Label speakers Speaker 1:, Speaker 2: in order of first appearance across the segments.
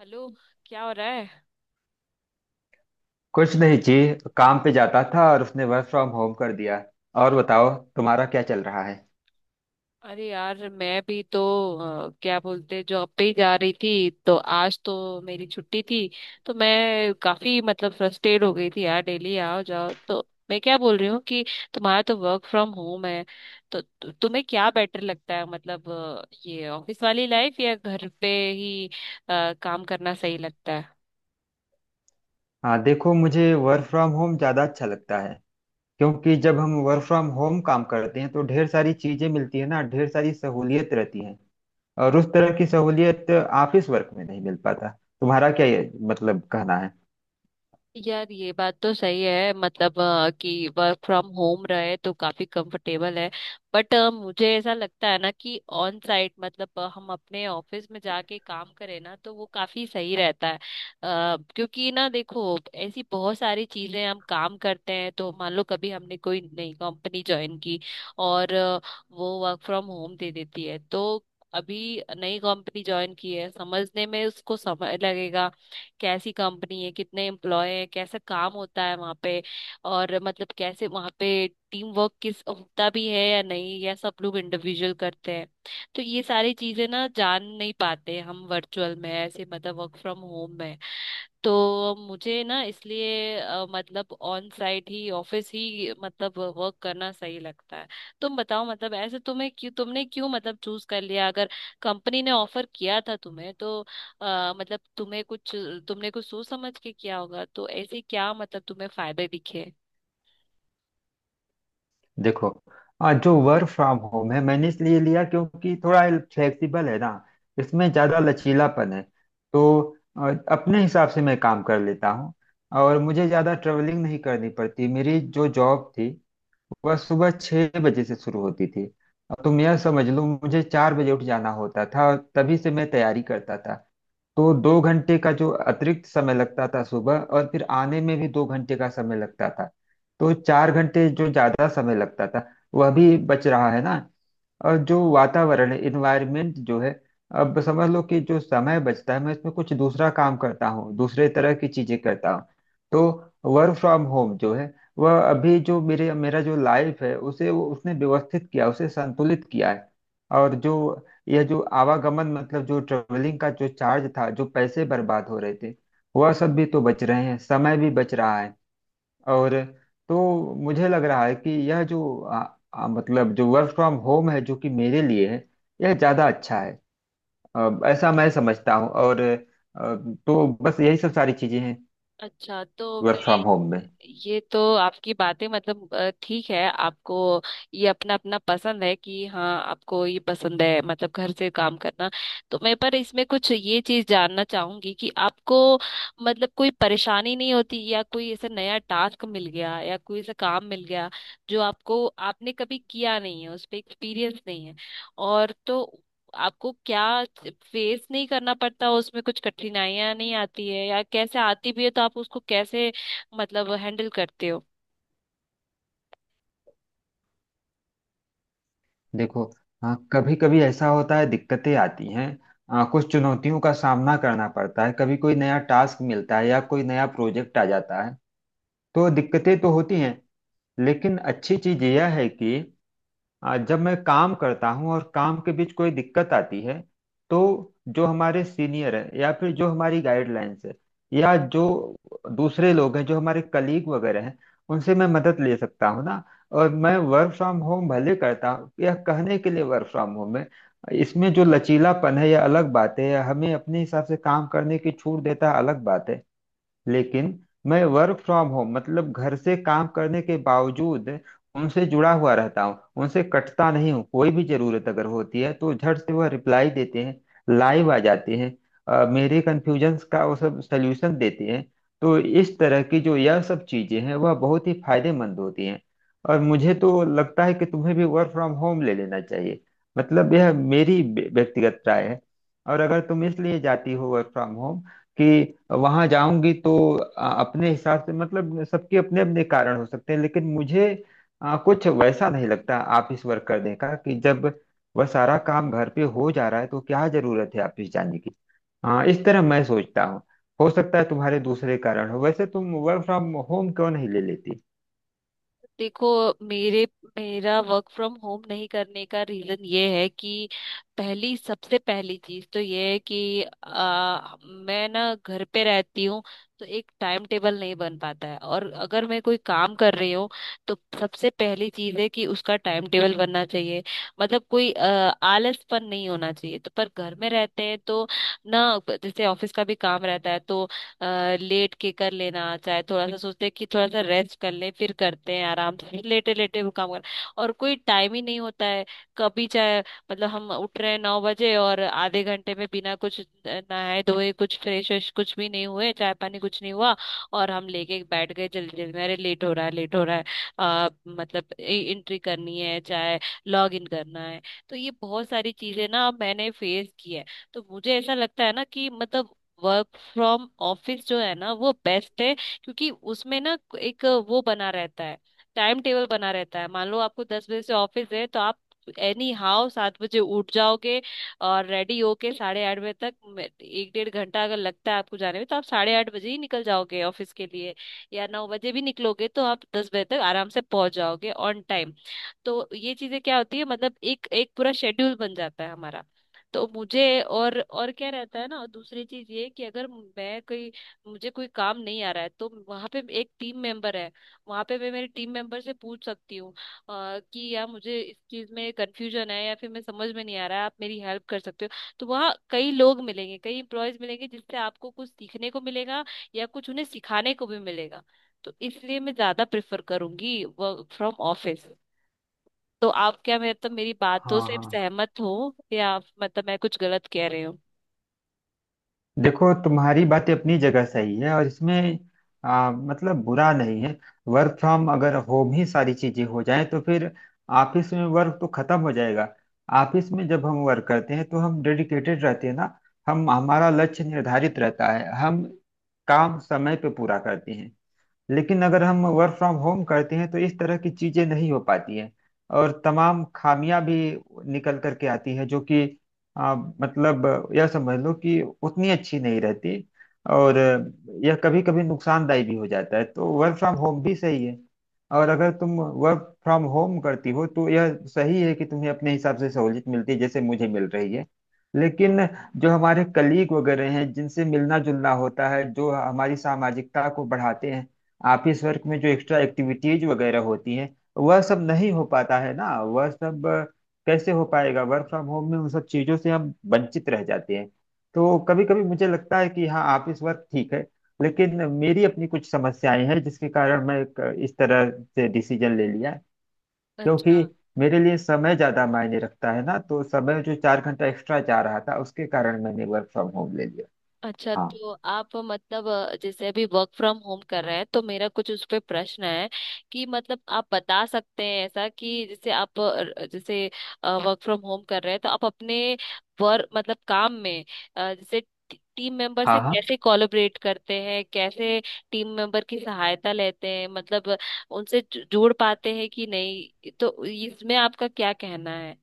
Speaker 1: Hello. क्या हो रहा है?
Speaker 2: कुछ नहीं जी। काम पे जाता था और उसने वर्क फ्रॉम होम कर दिया। और बताओ, तुम्हारा क्या चल रहा है?
Speaker 1: अरे यार, मैं भी तो क्या बोलते, जॉब पे ही जा रही थी, तो आज तो मेरी छुट्टी थी। तो मैं काफी मतलब फ्रस्ट्रेट हो गई थी यार, डेली आओ जाओ। तो मैं क्या बोल रही हूँ कि तुम्हारा तो वर्क फ्रॉम होम है, तो तुम्हें क्या बेटर लगता है? मतलब ये ऑफिस वाली लाइफ या घर पे ही काम करना सही लगता है?
Speaker 2: हाँ देखो, मुझे वर्क फ्रॉम होम ज़्यादा अच्छा लगता है, क्योंकि जब हम वर्क फ्रॉम होम काम करते हैं तो ढेर सारी चीज़ें मिलती है ना, ढेर सारी सहूलियत रहती है। और उस तरह की सहूलियत ऑफिस वर्क में नहीं मिल पाता। तुम्हारा क्या ये मतलब कहना है?
Speaker 1: यार, ये बात तो सही है, मतलब कि वर्क फ्रॉम होम रहे तो काफी कंफर्टेबल है। बट मुझे ऐसा लगता है ना कि ऑन साइट मतलब हम अपने ऑफिस में जाके काम करें ना, तो वो काफी सही रहता है। क्योंकि ना देखो, ऐसी बहुत सारी चीजें हम काम करते हैं, तो मान लो कभी हमने कोई नई कंपनी ज्वाइन की और वो वर्क फ्रॉम होम दे देती है, तो अभी नई कंपनी ज्वाइन की है, समझने में उसको समय लगेगा। कैसी कंपनी है, कितने एम्प्लॉय है, कैसा काम होता है वहाँ पे, और मतलब कैसे वहाँ पे टीम वर्क किस होता भी है या नहीं, या सब लोग इंडिविजुअल करते हैं। तो ये सारी चीजें ना जान नहीं पाते हम वर्चुअल में, ऐसे मतलब वर्क फ्रॉम होम में। तो मुझे ना इसलिए मतलब ऑन साइट ही, ऑफिस ही मतलब वर्क करना सही लगता है। तुम बताओ, मतलब ऐसे तुम्हें क्यों, तुमने क्यों मतलब चूज कर लिया? अगर कंपनी ने ऑफर किया था तुम्हें, तो मतलब तुम्हें कुछ, तुमने कुछ सोच समझ के किया होगा, तो ऐसे क्या मतलब तुम्हें फायदे दिखे?
Speaker 2: देखो, जो वर्क फ्रॉम होम है मैंने इसलिए लिया क्योंकि थोड़ा फ्लेक्सिबल है ना, इसमें ज़्यादा लचीलापन है। तो अपने हिसाब से मैं काम कर लेता हूँ। और मुझे ज़्यादा ट्रेवलिंग नहीं करनी पड़ती। मेरी जो जॉब थी वह सुबह 6 बजे से शुरू होती थी। अब तुम यह समझ लो, मुझे 4 बजे उठ जाना होता था और तभी से मैं तैयारी करता था। तो 2 घंटे का जो अतिरिक्त समय लगता था सुबह, और फिर आने में भी 2 घंटे का समय लगता था। तो 4 घंटे जो ज्यादा समय लगता था वह भी बच रहा है ना। और जो वातावरण है, इन्वायरमेंट जो है, अब समझ लो कि जो समय बचता है मैं इसमें कुछ दूसरा काम करता हूँ, दूसरे तरह की चीजें करता हूँ। तो वर्क फ्रॉम होम जो है वह अभी जो मेरे मेरा जो लाइफ है उसे वो उसने व्यवस्थित किया, उसे संतुलित किया है। और जो यह जो आवागमन मतलब जो ट्रेवलिंग का जो चार्ज था, जो पैसे बर्बाद हो रहे थे वह सब भी तो बच रहे हैं, समय भी बच रहा है। और तो मुझे लग रहा है कि यह जो मतलब जो वर्क फ्रॉम होम है जो कि मेरे लिए है, यह ज़्यादा अच्छा है। ऐसा मैं समझता हूँ, और तो बस यही सब सारी चीज़ें हैं
Speaker 1: अच्छा, तो
Speaker 2: वर्क फ्रॉम
Speaker 1: मैं,
Speaker 2: होम में।
Speaker 1: ये तो आपकी बातें, मतलब ठीक है, आपको ये अपना अपना पसंद है कि हाँ आपको ये पसंद है मतलब घर से काम करना। तो मैं पर इसमें कुछ ये चीज जानना चाहूंगी कि आपको मतलब कोई परेशानी नहीं होती, या कोई ऐसा नया टास्क मिल गया या कोई ऐसा काम मिल गया जो आपको, आपने कभी किया नहीं है, उस पर एक्सपीरियंस नहीं है, और तो आपको क्या फेस नहीं करना पड़ता? उसमें कुछ कठिनाइयां नहीं आती है, या कैसे, आती भी है तो आप उसको कैसे मतलब हैंडल करते हो?
Speaker 2: देखो, हाँ कभी कभी ऐसा होता है, दिक्कतें आती हैं। कुछ चुनौतियों का सामना करना पड़ता है, कभी कोई नया टास्क मिलता है या कोई नया प्रोजेक्ट आ जाता है तो दिक्कतें तो होती हैं। लेकिन अच्छी चीज़ यह है कि जब मैं काम करता हूँ और काम के बीच कोई दिक्कत आती है, तो जो हमारे सीनियर है या फिर जो हमारी गाइडलाइंस है, या जो दूसरे लोग हैं जो हमारे कलीग वगैरह हैं, उनसे मैं मदद ले सकता हूँ ना। और मैं वर्क फ्रॉम होम भले करता हूँ, या कहने के लिए वर्क फ्रॉम होम है, इसमें जो लचीलापन है यह अलग बात है, या हमें अपने हिसाब से काम करने की छूट देता है अलग बात है। लेकिन मैं वर्क फ्रॉम होम मतलब घर से काम करने के बावजूद उनसे जुड़ा हुआ रहता हूँ, उनसे कटता नहीं हूँ। कोई भी जरूरत अगर होती है तो झट से वह रिप्लाई देते हैं, लाइव आ जाते हैं। मेरे कन्फ्यूजन्स का वो सब सल्यूशन देते हैं। तो इस तरह की जो यह सब चीजें हैं वह बहुत ही फायदेमंद होती हैं। और मुझे तो लगता है कि तुम्हें भी वर्क फ्रॉम होम ले लेना चाहिए। मतलब यह मेरी व्यक्तिगत राय है। और अगर तुम इसलिए जाती हो वर्क फ्रॉम होम कि वहां जाऊंगी तो अपने हिसाब से मतलब सबके अपने अपने कारण हो सकते हैं। लेकिन मुझे कुछ वैसा नहीं लगता ऑफिस वर्क करने का, कि जब वह सारा काम घर पे हो जा रहा है तो क्या जरूरत है ऑफिस जाने की। हाँ इस तरह मैं सोचता हूँ। हो सकता है तुम्हारे दूसरे कारण हो, वैसे तुम वर्क फ्रॉम होम क्यों नहीं ले लेती?
Speaker 1: देखो, मेरे, मेरा वर्क फ्रॉम होम नहीं करने का रीजन ये है कि पहली, सबसे पहली चीज तो ये है कि मैं ना घर पे रहती हूँ, तो एक टाइम टेबल नहीं बन पाता है। और अगर मैं कोई काम कर रही हूँ तो सबसे पहली चीज है कि उसका टाइम टेबल बनना चाहिए, मतलब कोई आलसपन नहीं होना चाहिए। तो पर घर में रहते हैं तो ना, जैसे ऑफिस का भी काम रहता है तो अ, लेट के कर लेना, चाहे थोड़ा सा सोचते हैं कि थोड़ा सा रेस्ट कर लें फिर करते हैं, आराम से लेटे लेटे वो काम कर, और कोई टाइम ही नहीं होता है। कभी चाहे मतलब हम उठ रहे हैं 9 बजे, और आधे घंटे में बिना कुछ नहाए धोए, कुछ फ्रेश व्रेश कुछ भी नहीं हुए, चाय पानी कुछ नहीं हुआ, और हम लेके बैठ गए जल्दी जल्दी में, अरे लेट हो रहा है, लेट हो रहा है, मतलब एंट्री करनी है, चाहे लॉग इन करना है। तो ये बहुत सारी चीजें ना मैंने फेस की है। तो मुझे ऐसा लगता है ना कि मतलब वर्क फ्रॉम ऑफिस जो है ना, वो बेस्ट है। क्योंकि उसमें ना एक वो बना रहता है, टाइम टेबल बना रहता है। मान लो आपको 10 बजे से ऑफिस है, तो आप एनी हाउ 7 बजे उठ जाओगे, और रेडी होके 8:30 बजे तक एक डेढ़ घंटा अगर लगता है आपको जाने में, तो आप 8:30 बजे ही निकल जाओगे ऑफिस के लिए, या 9 बजे भी निकलोगे तो आप 10 बजे तक आराम से पहुंच जाओगे ऑन टाइम। तो ये चीजें क्या होती है, मतलब एक, एक पूरा शेड्यूल बन जाता है हमारा। तो मुझे, और क्या रहता है ना, और दूसरी चीज ये कि अगर मैं कोई, मुझे कोई काम नहीं आ रहा है, तो वहां पे एक टीम मेंबर है, वहां पे मैं मेरे टीम मेंबर से पूछ सकती हूँ कि यार, मुझे इस चीज में कंफ्यूजन है, या फिर मैं समझ में नहीं आ रहा है, आप मेरी हेल्प कर सकते हो। तो वहाँ कई लोग मिलेंगे, कई एम्प्लॉयज मिलेंगे, जिससे आपको कुछ सीखने को मिलेगा या कुछ उन्हें सिखाने को भी मिलेगा। तो इसलिए मैं ज्यादा प्रेफर करूंगी वर्क फ्रॉम ऑफिस। तो आप क्या, मतलब मेरी बातों
Speaker 2: हाँ
Speaker 1: से
Speaker 2: हाँ,
Speaker 1: सहमत हो, या मतलब मैं कुछ गलत कह रही हूँ?
Speaker 2: देखो तुम्हारी बातें अपनी जगह सही है और इसमें मतलब बुरा नहीं है। वर्क फ्रॉम अगर होम ही सारी चीजें हो जाएं तो फिर ऑफिस में वर्क तो खत्म हो जाएगा। ऑफिस में जब हम वर्क करते हैं तो हम डेडिकेटेड रहते हैं ना, हम हमारा लक्ष्य निर्धारित रहता है, हम काम समय पे पूरा करते हैं। लेकिन अगर हम वर्क फ्रॉम होम करते हैं तो इस तरह की चीजें नहीं हो पाती हैं, और तमाम खामियां भी निकल करके आती हैं, जो कि मतलब यह समझ लो कि उतनी अच्छी नहीं रहती। और यह कभी कभी नुकसानदायी भी हो जाता है। तो वर्क फ्रॉम होम भी सही है। और अगर तुम वर्क फ्रॉम होम करती हो तो यह सही है कि तुम्हें अपने हिसाब से सहूलियत मिलती है, जैसे मुझे मिल रही है। लेकिन जो हमारे कलीग वगैरह हैं जिनसे मिलना जुलना होता है, जो हमारी सामाजिकता को बढ़ाते हैं, ऑफिस वर्क में जो एक्स्ट्रा एक्टिविटीज वगैरह होती है, वह सब नहीं हो पाता है ना। वह सब कैसे हो पाएगा वर्क फ्रॉम होम में? उन सब चीजों से हम वंचित रह जाते हैं। तो कभी कभी मुझे लगता है कि हाँ ऑफिस वर्क ठीक है। लेकिन मेरी अपनी कुछ समस्याएं हैं, जिसके कारण मैं एक इस तरह से डिसीजन ले लिया। क्योंकि
Speaker 1: अच्छा।
Speaker 2: मेरे लिए समय ज्यादा मायने रखता है ना। तो समय जो 4 घंटा एक्स्ट्रा जा रहा था उसके कारण मैंने वर्क फ्रॉम होम ले लिया।
Speaker 1: अच्छा,
Speaker 2: हाँ
Speaker 1: तो आप मतलब जैसे अभी वर्क फ्रॉम होम कर रहे हैं, तो मेरा कुछ उस पे प्रश्न है कि मतलब आप बता सकते हैं ऐसा कि जैसे आप जैसे वर्क फ्रॉम होम कर रहे हैं, तो आप अपने वर्क मतलब काम में जैसे टीम मेंबर
Speaker 2: हाँ।
Speaker 1: से
Speaker 2: हाँ
Speaker 1: कैसे कोलैबोरेट करते हैं, कैसे टीम मेंबर की सहायता लेते हैं, मतलब उनसे जुड़ पाते हैं कि नहीं, तो इसमें आपका क्या कहना है?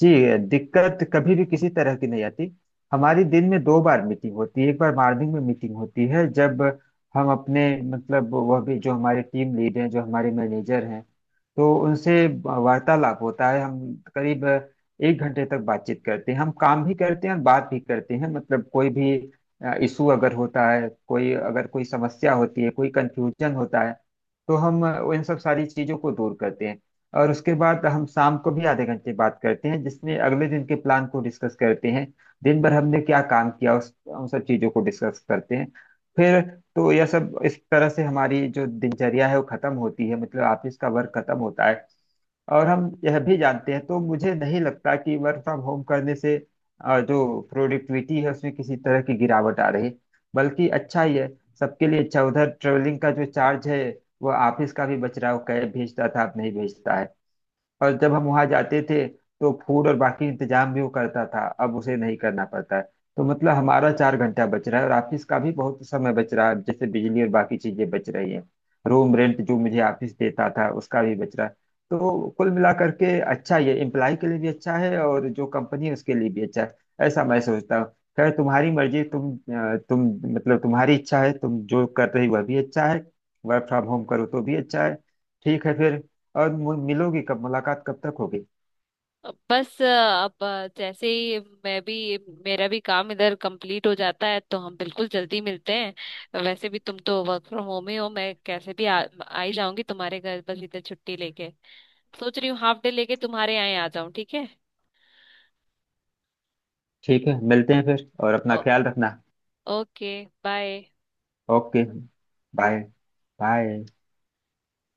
Speaker 2: जी, दिक्कत कभी भी किसी तरह की नहीं आती। हमारी दिन में 2 बार मीटिंग होती है। एक बार मॉर्निंग में मीटिंग होती है जब हम अपने मतलब वह भी जो हमारे टीम लीड हैं, जो हमारे मैनेजर हैं, तो उनसे वार्तालाप होता है। हम करीब 1 घंटे तक बातचीत करते हैं, हम काम भी करते हैं और बात भी करते हैं। मतलब कोई भी इशू अगर होता है, कोई अगर कोई समस्या होती है, कोई कंफ्यूजन होता है, तो हम इन सब सारी चीजों को दूर करते हैं। और उसके बाद हम शाम को भी आधे घंटे बात करते हैं, जिसमें अगले दिन के प्लान को डिस्कस करते हैं, दिन भर हमने क्या काम किया उस उन सब चीज़ों को डिस्कस करते हैं फिर। तो यह सब इस तरह से हमारी जो दिनचर्या है वो खत्म होती है, मतलब ऑफिस का वर्क खत्म होता है। और हम यह भी जानते हैं, तो मुझे नहीं लगता कि वर्क फ्रॉम होम करने से जो प्रोडक्टिविटी है उसमें किसी तरह की गिरावट आ रही। बल्कि अच्छा ही है, सबके लिए अच्छा। उधर ट्रेवलिंग का जो चार्ज है वो ऑफिस का भी बच रहा है। वो कैब भेजता था, अब नहीं भेजता है। और जब हम वहां जाते थे तो फूड और बाकी इंतजाम भी वो करता था, अब उसे नहीं करना पड़ता है। तो मतलब हमारा 4 घंटा बच रहा है, और ऑफिस का भी बहुत समय बच रहा है, जैसे बिजली और बाकी चीजें बच रही है। रूम रेंट जो मुझे ऑफिस देता था उसका भी बच रहा है। तो कुल मिला करके अच्छा ही है, एम्प्लॉय के लिए भी अच्छा है और जो कंपनी है उसके लिए भी अच्छा है। ऐसा मैं सोचता हूँ। खैर, तुम्हारी मर्जी। तुम मतलब तुम्हारी इच्छा है, तुम जो कर रही वह भी अच्छा है। वर्क फ्रॉम होम करो तो भी अच्छा है। ठीक है फिर। और मिलोगी कब? मुलाकात कब तक होगी?
Speaker 1: बस अब, जैसे ही मैं भी, मेरा भी काम इधर कंप्लीट हो जाता है, तो हम बिल्कुल जल्दी मिलते हैं। वैसे भी तुम तो वर्क फ्रॉम होम ही हो, मैं कैसे भी आ ही जाऊंगी तुम्हारे घर, बस इधर छुट्टी लेके सोच रही हूँ हाफ डे लेके तुम्हारे यहाँ आ जाऊं। ठीक है?
Speaker 2: ठीक है मिलते हैं फिर। और अपना
Speaker 1: ओ,
Speaker 2: ख्याल रखना।
Speaker 1: Okay, bye.
Speaker 2: Okay, bye. Bye.